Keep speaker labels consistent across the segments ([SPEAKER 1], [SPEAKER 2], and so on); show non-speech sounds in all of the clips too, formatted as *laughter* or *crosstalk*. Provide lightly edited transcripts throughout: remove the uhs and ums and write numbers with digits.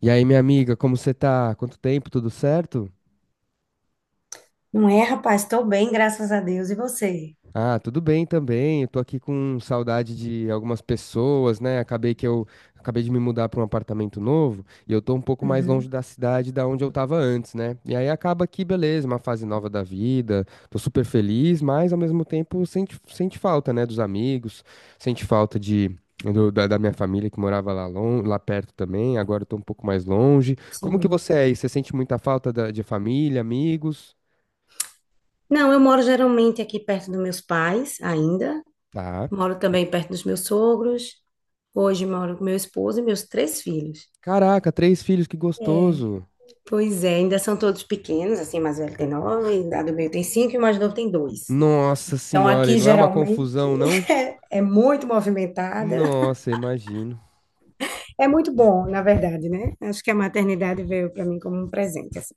[SPEAKER 1] E aí, minha amiga, como você tá? Quanto tempo? Tudo certo?
[SPEAKER 2] Não é, rapaz? Estou bem, graças a Deus. E você?
[SPEAKER 1] Ah, tudo bem também. Eu tô aqui com saudade de algumas pessoas, né? Acabei que eu Acabei de me mudar para um apartamento novo e eu tô um pouco mais longe
[SPEAKER 2] Uhum,
[SPEAKER 1] da cidade da onde eu tava antes, né? E aí acaba que, beleza, uma fase nova da vida. Tô super feliz, mas ao mesmo tempo sente falta, né, dos amigos, sente falta da minha família que morava lá, lá perto também, agora eu tô um pouco mais longe. Como que
[SPEAKER 2] sim.
[SPEAKER 1] você é aí? Você sente muita falta de família, amigos?
[SPEAKER 2] Não, eu moro geralmente aqui perto dos meus pais, ainda.
[SPEAKER 1] Tá.
[SPEAKER 2] Moro também perto dos meus sogros. Hoje moro com meu esposo e meus três filhos.
[SPEAKER 1] Caraca, três filhos, que gostoso.
[SPEAKER 2] Pois é, ainda são todos pequenos, assim, mais velho tem nove, a do meio tem cinco e o mais novo tem dois.
[SPEAKER 1] Nossa
[SPEAKER 2] Então
[SPEAKER 1] senhora, e
[SPEAKER 2] aqui
[SPEAKER 1] não é uma
[SPEAKER 2] geralmente
[SPEAKER 1] confusão, não?
[SPEAKER 2] é muito movimentada. *laughs*
[SPEAKER 1] Nossa, imagino.
[SPEAKER 2] É muito bom, na verdade, né? Acho que a maternidade veio para mim como um presente, assim.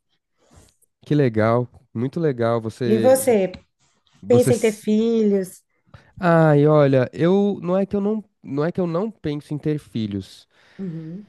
[SPEAKER 1] Que legal, muito legal.
[SPEAKER 2] E
[SPEAKER 1] Você, vo-
[SPEAKER 2] você,
[SPEAKER 1] você.
[SPEAKER 2] pensa em ter filhos?
[SPEAKER 1] Ai, olha, eu não é que eu não, não é que eu não penso em ter filhos.
[SPEAKER 2] Uhum,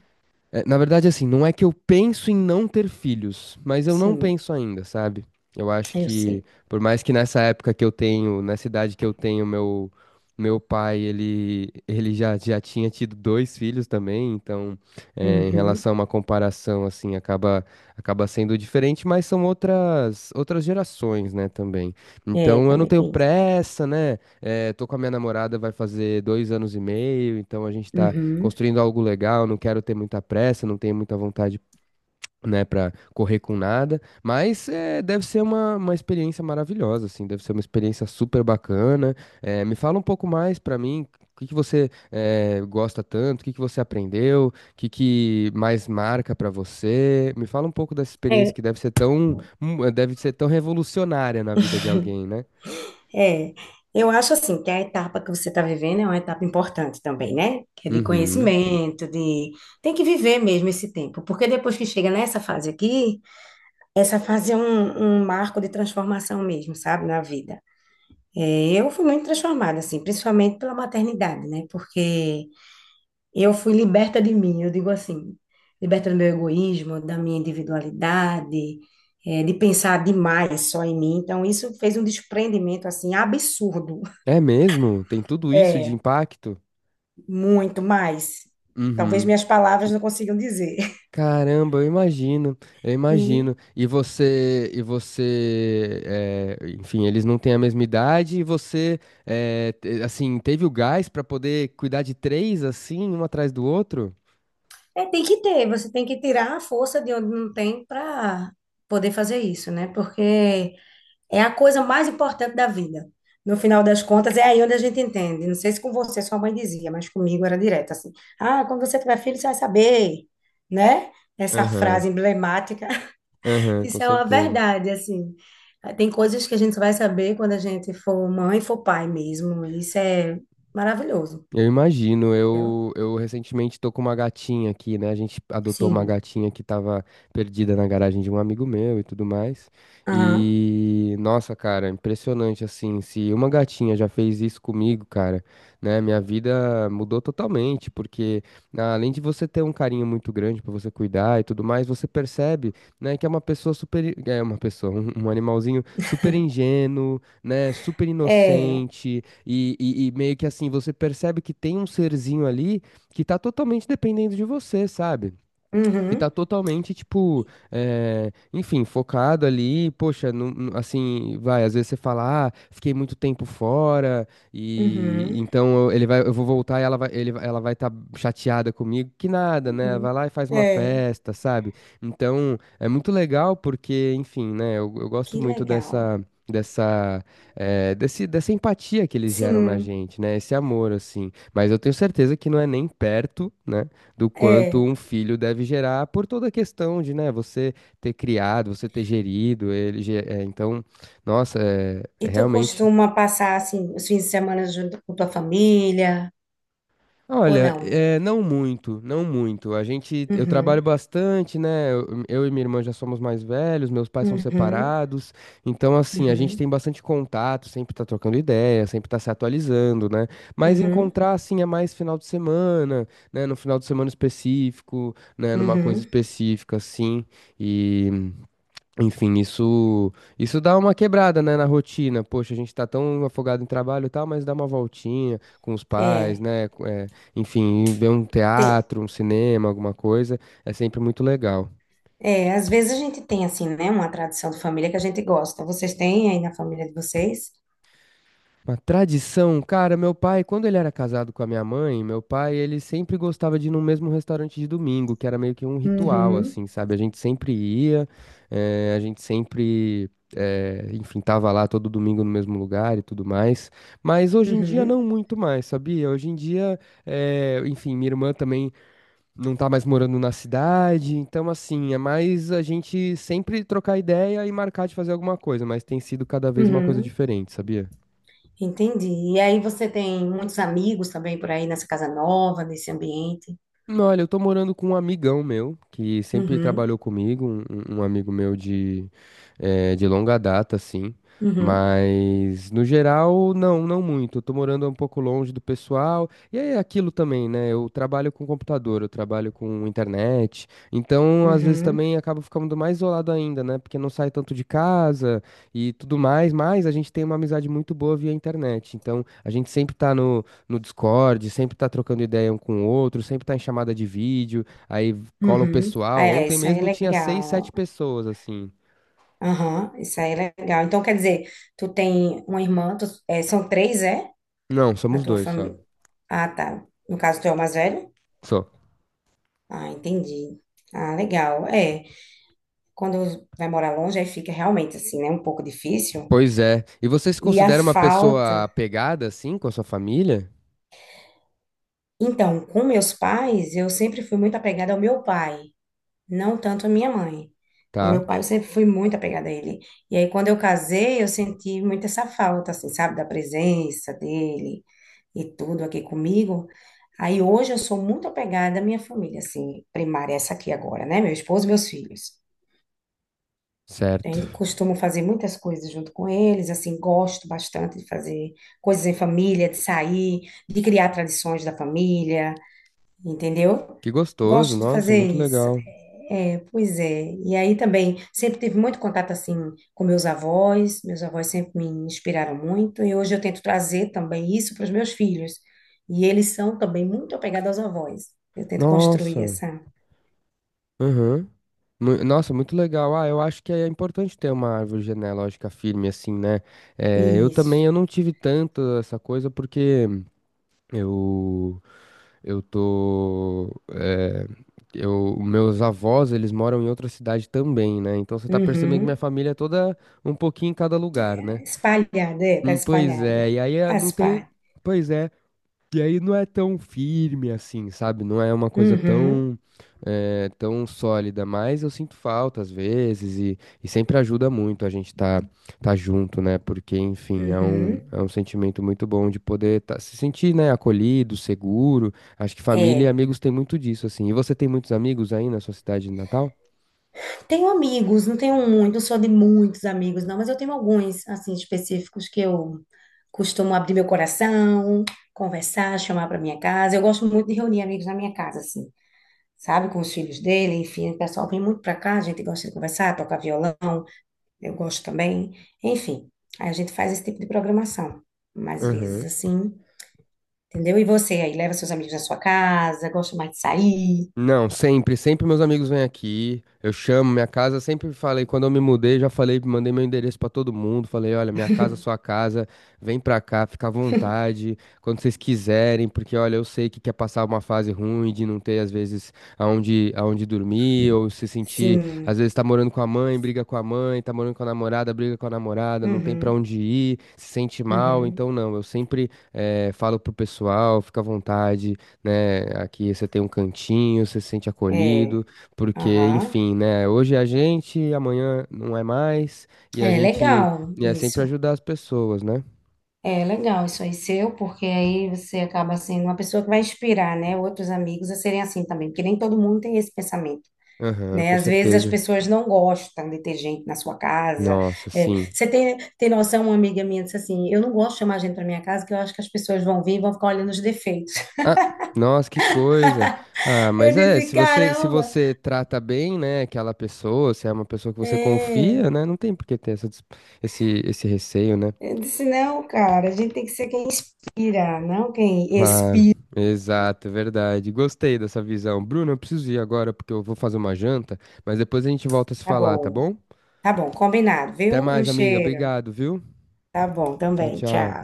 [SPEAKER 1] É, na verdade, assim, não é que eu penso em não ter filhos, mas eu não
[SPEAKER 2] sim.
[SPEAKER 1] penso ainda, sabe? Eu acho
[SPEAKER 2] Eu
[SPEAKER 1] que,
[SPEAKER 2] sei.
[SPEAKER 1] por mais que nessa época que eu tenho, nessa idade que eu tenho, meu pai, ele já tinha tido dois filhos também, então, é, em
[SPEAKER 2] Uhum.
[SPEAKER 1] relação a uma comparação, assim, acaba sendo diferente, mas são outras gerações, né, também.
[SPEAKER 2] É,
[SPEAKER 1] Então, eu não
[SPEAKER 2] também
[SPEAKER 1] tenho
[SPEAKER 2] tem isso.
[SPEAKER 1] pressa, né? É, tô com a minha namorada, vai fazer 2 anos e meio, então a gente tá
[SPEAKER 2] Uhum.
[SPEAKER 1] construindo algo legal, não quero ter muita pressa, não tenho muita vontade, né, para correr com nada, mas é, deve ser uma experiência maravilhosa, assim, deve ser uma experiência super bacana. É, me fala um pouco mais para mim. O que que você gosta tanto? O que que você aprendeu? O que que mais marca para você? Me fala um pouco dessa experiência
[SPEAKER 2] É,
[SPEAKER 1] que deve ser tão revolucionária na vida de alguém, né?
[SPEAKER 2] É, eu acho assim que a etapa que você está vivendo é uma etapa importante também, né? Que é de
[SPEAKER 1] Uhum.
[SPEAKER 2] conhecimento, de tem que viver mesmo esse tempo, porque depois que chega nessa fase aqui, essa fase é um marco de transformação mesmo, sabe, na vida. É, eu fui muito transformada, assim, principalmente pela maternidade, né? Porque eu fui liberta de mim, eu digo assim, liberta do meu egoísmo, da minha individualidade, de pensar demais só em mim. Então, isso fez um desprendimento, assim, absurdo. *laughs*
[SPEAKER 1] É mesmo? Tem tudo isso de
[SPEAKER 2] É,
[SPEAKER 1] impacto?
[SPEAKER 2] muito mais. Talvez
[SPEAKER 1] Uhum.
[SPEAKER 2] minhas palavras não consigam dizer. *laughs*
[SPEAKER 1] Caramba, eu imagino, eu
[SPEAKER 2] E
[SPEAKER 1] imagino. E você, enfim, eles não têm a mesma idade e você, assim, teve o gás pra poder cuidar de três assim, um atrás do outro?
[SPEAKER 2] é, tem que ter, você tem que tirar a força de onde não tem para poder fazer isso, né? Porque é a coisa mais importante da vida. No final das contas, é aí onde a gente entende. Não sei se com você sua mãe dizia, mas comigo era direto assim. Ah, quando você tiver filho, você vai saber, né? Essa
[SPEAKER 1] Aham,
[SPEAKER 2] frase emblemática. *laughs*
[SPEAKER 1] aham, com
[SPEAKER 2] Isso é uma
[SPEAKER 1] certeza.
[SPEAKER 2] verdade, assim. Tem coisas que a gente só vai saber quando a gente for mãe, for pai mesmo. Isso é maravilhoso,
[SPEAKER 1] Eu imagino,
[SPEAKER 2] entendeu?
[SPEAKER 1] eu recentemente tô com uma gatinha aqui, né? A gente adotou uma
[SPEAKER 2] Sim.
[SPEAKER 1] gatinha que tava perdida na garagem de um amigo meu e tudo mais.
[SPEAKER 2] Aham.
[SPEAKER 1] E, nossa, cara, impressionante assim. Se uma gatinha já fez isso comigo, cara, né? Minha vida mudou totalmente, porque ah, além de você ter um carinho muito grande pra você cuidar e tudo mais, você percebe, né, que é uma pessoa super, é uma pessoa, um animalzinho super ingênuo, né? Super
[SPEAKER 2] É.
[SPEAKER 1] inocente e meio que assim, você percebe que tem um serzinho ali que tá totalmente dependendo de você, sabe? Que tá
[SPEAKER 2] Uhum.
[SPEAKER 1] totalmente, tipo, enfim, focado ali, poxa, assim, vai, às vezes você fala, ah, fiquei muito tempo fora, e
[SPEAKER 2] Uhum.
[SPEAKER 1] então ele vai, eu vou voltar e ela vai, ela vai estar chateada comigo, que nada, né? Vai
[SPEAKER 2] Uhum.
[SPEAKER 1] lá e faz uma
[SPEAKER 2] É.
[SPEAKER 1] festa, sabe? Então, é muito legal porque, enfim, né, eu
[SPEAKER 2] Que
[SPEAKER 1] gosto muito
[SPEAKER 2] legal.
[SPEAKER 1] dessa. Dessa, dessa empatia que eles geram na
[SPEAKER 2] Sim.
[SPEAKER 1] gente, né? Esse amor, assim. Mas eu tenho certeza que não é nem perto, né? Do quanto
[SPEAKER 2] É.
[SPEAKER 1] um filho deve gerar por toda a questão de, né, você ter criado, você ter gerido ele. É, então, nossa, é
[SPEAKER 2] E tu
[SPEAKER 1] realmente.
[SPEAKER 2] costuma passar assim os fins de semana junto com tua família ou
[SPEAKER 1] Olha,
[SPEAKER 2] não?
[SPEAKER 1] é, não muito, não muito. Eu trabalho
[SPEAKER 2] Uhum,
[SPEAKER 1] bastante, né? Eu e minha irmã já somos mais velhos, meus pais são
[SPEAKER 2] uhum,
[SPEAKER 1] separados, então assim, a gente
[SPEAKER 2] uhum,
[SPEAKER 1] tem bastante contato, sempre tá trocando ideia, sempre tá se atualizando, né? Mas
[SPEAKER 2] uhum,
[SPEAKER 1] encontrar assim é mais final de semana, né? No final de semana específico, né? Numa coisa
[SPEAKER 2] uhum.
[SPEAKER 1] específica, assim. Enfim, isso dá uma quebrada, né, na rotina. Poxa, a gente tá tão afogado em trabalho e tal, mas dá uma voltinha com os pais,
[SPEAKER 2] É,
[SPEAKER 1] né? É, enfim, ver um
[SPEAKER 2] tem,
[SPEAKER 1] teatro, um cinema, alguma coisa, é sempre muito legal.
[SPEAKER 2] é, às vezes a gente tem assim, né, uma tradição de família que a gente gosta. Vocês têm aí na família de vocês?
[SPEAKER 1] Uma tradição, cara, meu pai, quando ele era casado com a minha mãe, meu pai, ele sempre gostava de ir no mesmo restaurante de domingo, que era meio que um ritual,
[SPEAKER 2] Uhum,
[SPEAKER 1] assim, sabe? A gente sempre ia, eh, a gente sempre, eh, enfim, tava lá todo domingo no mesmo lugar e tudo mais. Mas hoje em dia
[SPEAKER 2] uhum,
[SPEAKER 1] não muito mais, sabia? Hoje em dia, enfim, minha irmã também não tá mais morando na cidade, então assim, é mais a gente sempre trocar ideia e marcar de fazer alguma coisa, mas tem sido cada vez uma coisa
[SPEAKER 2] uhum.
[SPEAKER 1] diferente, sabia?
[SPEAKER 2] Entendi. E aí você tem muitos amigos também por aí nessa casa nova, nesse ambiente?
[SPEAKER 1] Não, olha, eu tô morando com um amigão meu que sempre
[SPEAKER 2] Uhum,
[SPEAKER 1] trabalhou comigo, um amigo meu de longa data, assim.
[SPEAKER 2] uhum,
[SPEAKER 1] Mas no geral, não, não muito. Eu tô morando um pouco longe do pessoal. E é aquilo também, né? Eu trabalho com computador, eu trabalho com internet. Então, às vezes
[SPEAKER 2] uhum,
[SPEAKER 1] também acabo ficando mais isolado ainda, né? Porque não sai tanto de casa e tudo mais. Mas a gente tem uma amizade muito boa via internet. Então, a gente sempre tá no Discord, sempre tá trocando ideia um com o outro, sempre tá em chamada de vídeo, aí cola um
[SPEAKER 2] uhum.
[SPEAKER 1] pessoal.
[SPEAKER 2] É,
[SPEAKER 1] Ontem
[SPEAKER 2] isso aí é
[SPEAKER 1] mesmo tinha seis,
[SPEAKER 2] legal.
[SPEAKER 1] sete pessoas, assim.
[SPEAKER 2] Aham, isso aí é legal. Então, quer dizer, tu tem uma irmã, é, são três, é?
[SPEAKER 1] Não,
[SPEAKER 2] Na
[SPEAKER 1] somos
[SPEAKER 2] tua
[SPEAKER 1] dois só.
[SPEAKER 2] família. Ah, tá. No caso, tu é o mais velho?
[SPEAKER 1] Só.
[SPEAKER 2] Ah, entendi. Ah, legal. É, quando vai morar longe, aí fica realmente assim, né? Um pouco difícil.
[SPEAKER 1] Pois é. E você se
[SPEAKER 2] E a
[SPEAKER 1] considera uma
[SPEAKER 2] falta.
[SPEAKER 1] pessoa apegada, assim, com a sua família?
[SPEAKER 2] Então, com meus pais, eu sempre fui muito apegada ao meu pai. Não tanto a minha mãe. O
[SPEAKER 1] Tá,
[SPEAKER 2] meu pai eu sempre fui muito apegada a ele. E aí, quando eu casei, eu senti muito essa falta, assim, sabe, da presença dele e tudo aqui comigo. Aí, hoje, eu sou muito apegada à minha família, assim, primária, essa aqui agora, né? Meu esposo e meus filhos. A gente
[SPEAKER 1] certo.
[SPEAKER 2] costuma fazer muitas coisas junto com eles, assim, gosto bastante de fazer coisas em família, de sair, de criar tradições da família, entendeu?
[SPEAKER 1] Que gostoso,
[SPEAKER 2] Gosto de
[SPEAKER 1] nossa,
[SPEAKER 2] fazer
[SPEAKER 1] muito
[SPEAKER 2] isso.
[SPEAKER 1] legal.
[SPEAKER 2] É, é, pois é. E aí também sempre tive muito contato assim com meus avós. Meus avós sempre me inspiraram muito e hoje eu tento trazer também isso para os meus filhos. E eles são também muito apegados aos avós. Eu tento construir
[SPEAKER 1] Nossa,
[SPEAKER 2] essa.
[SPEAKER 1] aham. Nossa, muito legal. Ah, eu acho que é importante ter uma árvore genealógica firme, assim, né? Eh, eu também,
[SPEAKER 2] Isso.
[SPEAKER 1] eu não tive tanto essa coisa porque eu eu tô. Eh, eu, meus avós, eles moram em outra cidade também, né? Então você tá percebendo que minha
[SPEAKER 2] Uhum.
[SPEAKER 1] família é toda um pouquinho em cada lugar,
[SPEAKER 2] Tá
[SPEAKER 1] né?
[SPEAKER 2] espalhada, é, tá
[SPEAKER 1] Hum. Pois
[SPEAKER 2] espalhada.
[SPEAKER 1] é, e aí, não
[SPEAKER 2] Faz
[SPEAKER 1] tem.
[SPEAKER 2] parte.
[SPEAKER 1] Pois é. E aí não é tão firme assim, sabe? Não é uma coisa
[SPEAKER 2] Uhum.
[SPEAKER 1] tão sólida, mas eu sinto falta às vezes e sempre ajuda muito a gente tá, tá junto, né? Porque, enfim, é um,
[SPEAKER 2] Uhum.
[SPEAKER 1] é um sentimento muito bom de poder se sentir, né, acolhido, seguro. Acho que família e
[SPEAKER 2] É.
[SPEAKER 1] amigos tem muito disso, assim. E você tem muitos amigos aí na sua cidade de Natal?
[SPEAKER 2] Tenho amigos, não tenho muito, não sou de muitos amigos, não, mas eu tenho alguns, assim, específicos que eu costumo abrir meu coração, conversar, chamar para minha casa. Eu gosto muito de reunir amigos na minha casa, assim, sabe? Com os filhos dele, enfim, o pessoal vem muito para cá, a gente gosta de conversar, tocar violão, eu gosto também, enfim. Aí a gente faz esse tipo de programação, mais vezes,
[SPEAKER 1] Aham.
[SPEAKER 2] assim, entendeu? E você aí, leva seus amigos na sua casa, gosta mais de sair?
[SPEAKER 1] Não, sempre meus amigos vêm aqui, eu chamo, minha casa, sempre falei, quando eu me mudei, já falei, mandei meu endereço pra todo mundo, falei, olha, minha casa, sua casa, vem pra cá, fica à vontade, quando vocês quiserem, porque olha, eu sei que quer passar uma fase ruim de não ter, às vezes, aonde dormir, ou se sentir, às
[SPEAKER 2] Sim.
[SPEAKER 1] vezes tá morando com a mãe, briga com a mãe, tá morando com a namorada, briga com a namorada, não tem pra
[SPEAKER 2] Uhum,
[SPEAKER 1] onde ir, se sente mal,
[SPEAKER 2] uhum.
[SPEAKER 1] então não, eu sempre falo pro pessoal, fica à vontade, né? Aqui você tem um cantinho, você se sente
[SPEAKER 2] É,
[SPEAKER 1] acolhido, porque,
[SPEAKER 2] aham.
[SPEAKER 1] enfim, né? Hoje é a gente, amanhã não é mais, e a
[SPEAKER 2] É
[SPEAKER 1] gente
[SPEAKER 2] legal
[SPEAKER 1] e é sempre
[SPEAKER 2] isso.
[SPEAKER 1] ajudar as pessoas, né?
[SPEAKER 2] É legal isso aí seu, porque aí você acaba sendo uma pessoa que vai inspirar, né, outros amigos a serem assim também, porque nem todo mundo tem esse pensamento,
[SPEAKER 1] Aham,
[SPEAKER 2] né?
[SPEAKER 1] com
[SPEAKER 2] Às vezes as
[SPEAKER 1] certeza.
[SPEAKER 2] pessoas não gostam de ter gente na sua casa.
[SPEAKER 1] Nossa,
[SPEAKER 2] É,
[SPEAKER 1] sim.
[SPEAKER 2] você tem noção, uma amiga minha disse assim, eu não gosto de chamar gente para minha casa, que eu acho que as pessoas vão vir e vão ficar olhando os defeitos. *laughs*
[SPEAKER 1] Ah, nossa, que coisa. Ah,
[SPEAKER 2] Eu
[SPEAKER 1] mas é,
[SPEAKER 2] disse,
[SPEAKER 1] se você se
[SPEAKER 2] caramba,
[SPEAKER 1] você trata bem, né, aquela pessoa, se é uma pessoa que você
[SPEAKER 2] é.
[SPEAKER 1] confia, né, não tem por que ter essa, dis- esse esse receio, né?
[SPEAKER 2] Eu disse, não, cara, a gente tem que ser quem inspira, não quem
[SPEAKER 1] Claro,
[SPEAKER 2] expira.
[SPEAKER 1] exato, é verdade. Gostei dessa visão. Bruno, eu preciso ir agora porque eu vou fazer uma janta, mas depois a gente volta a se
[SPEAKER 2] Tá
[SPEAKER 1] falar, tá
[SPEAKER 2] bom,
[SPEAKER 1] bom?
[SPEAKER 2] tá bom, combinado,
[SPEAKER 1] Até
[SPEAKER 2] viu? Um
[SPEAKER 1] mais, amiga.
[SPEAKER 2] cheiro.
[SPEAKER 1] Obrigado, viu?
[SPEAKER 2] Tá bom,
[SPEAKER 1] Tchau,
[SPEAKER 2] também.
[SPEAKER 1] tchau.
[SPEAKER 2] Tchau.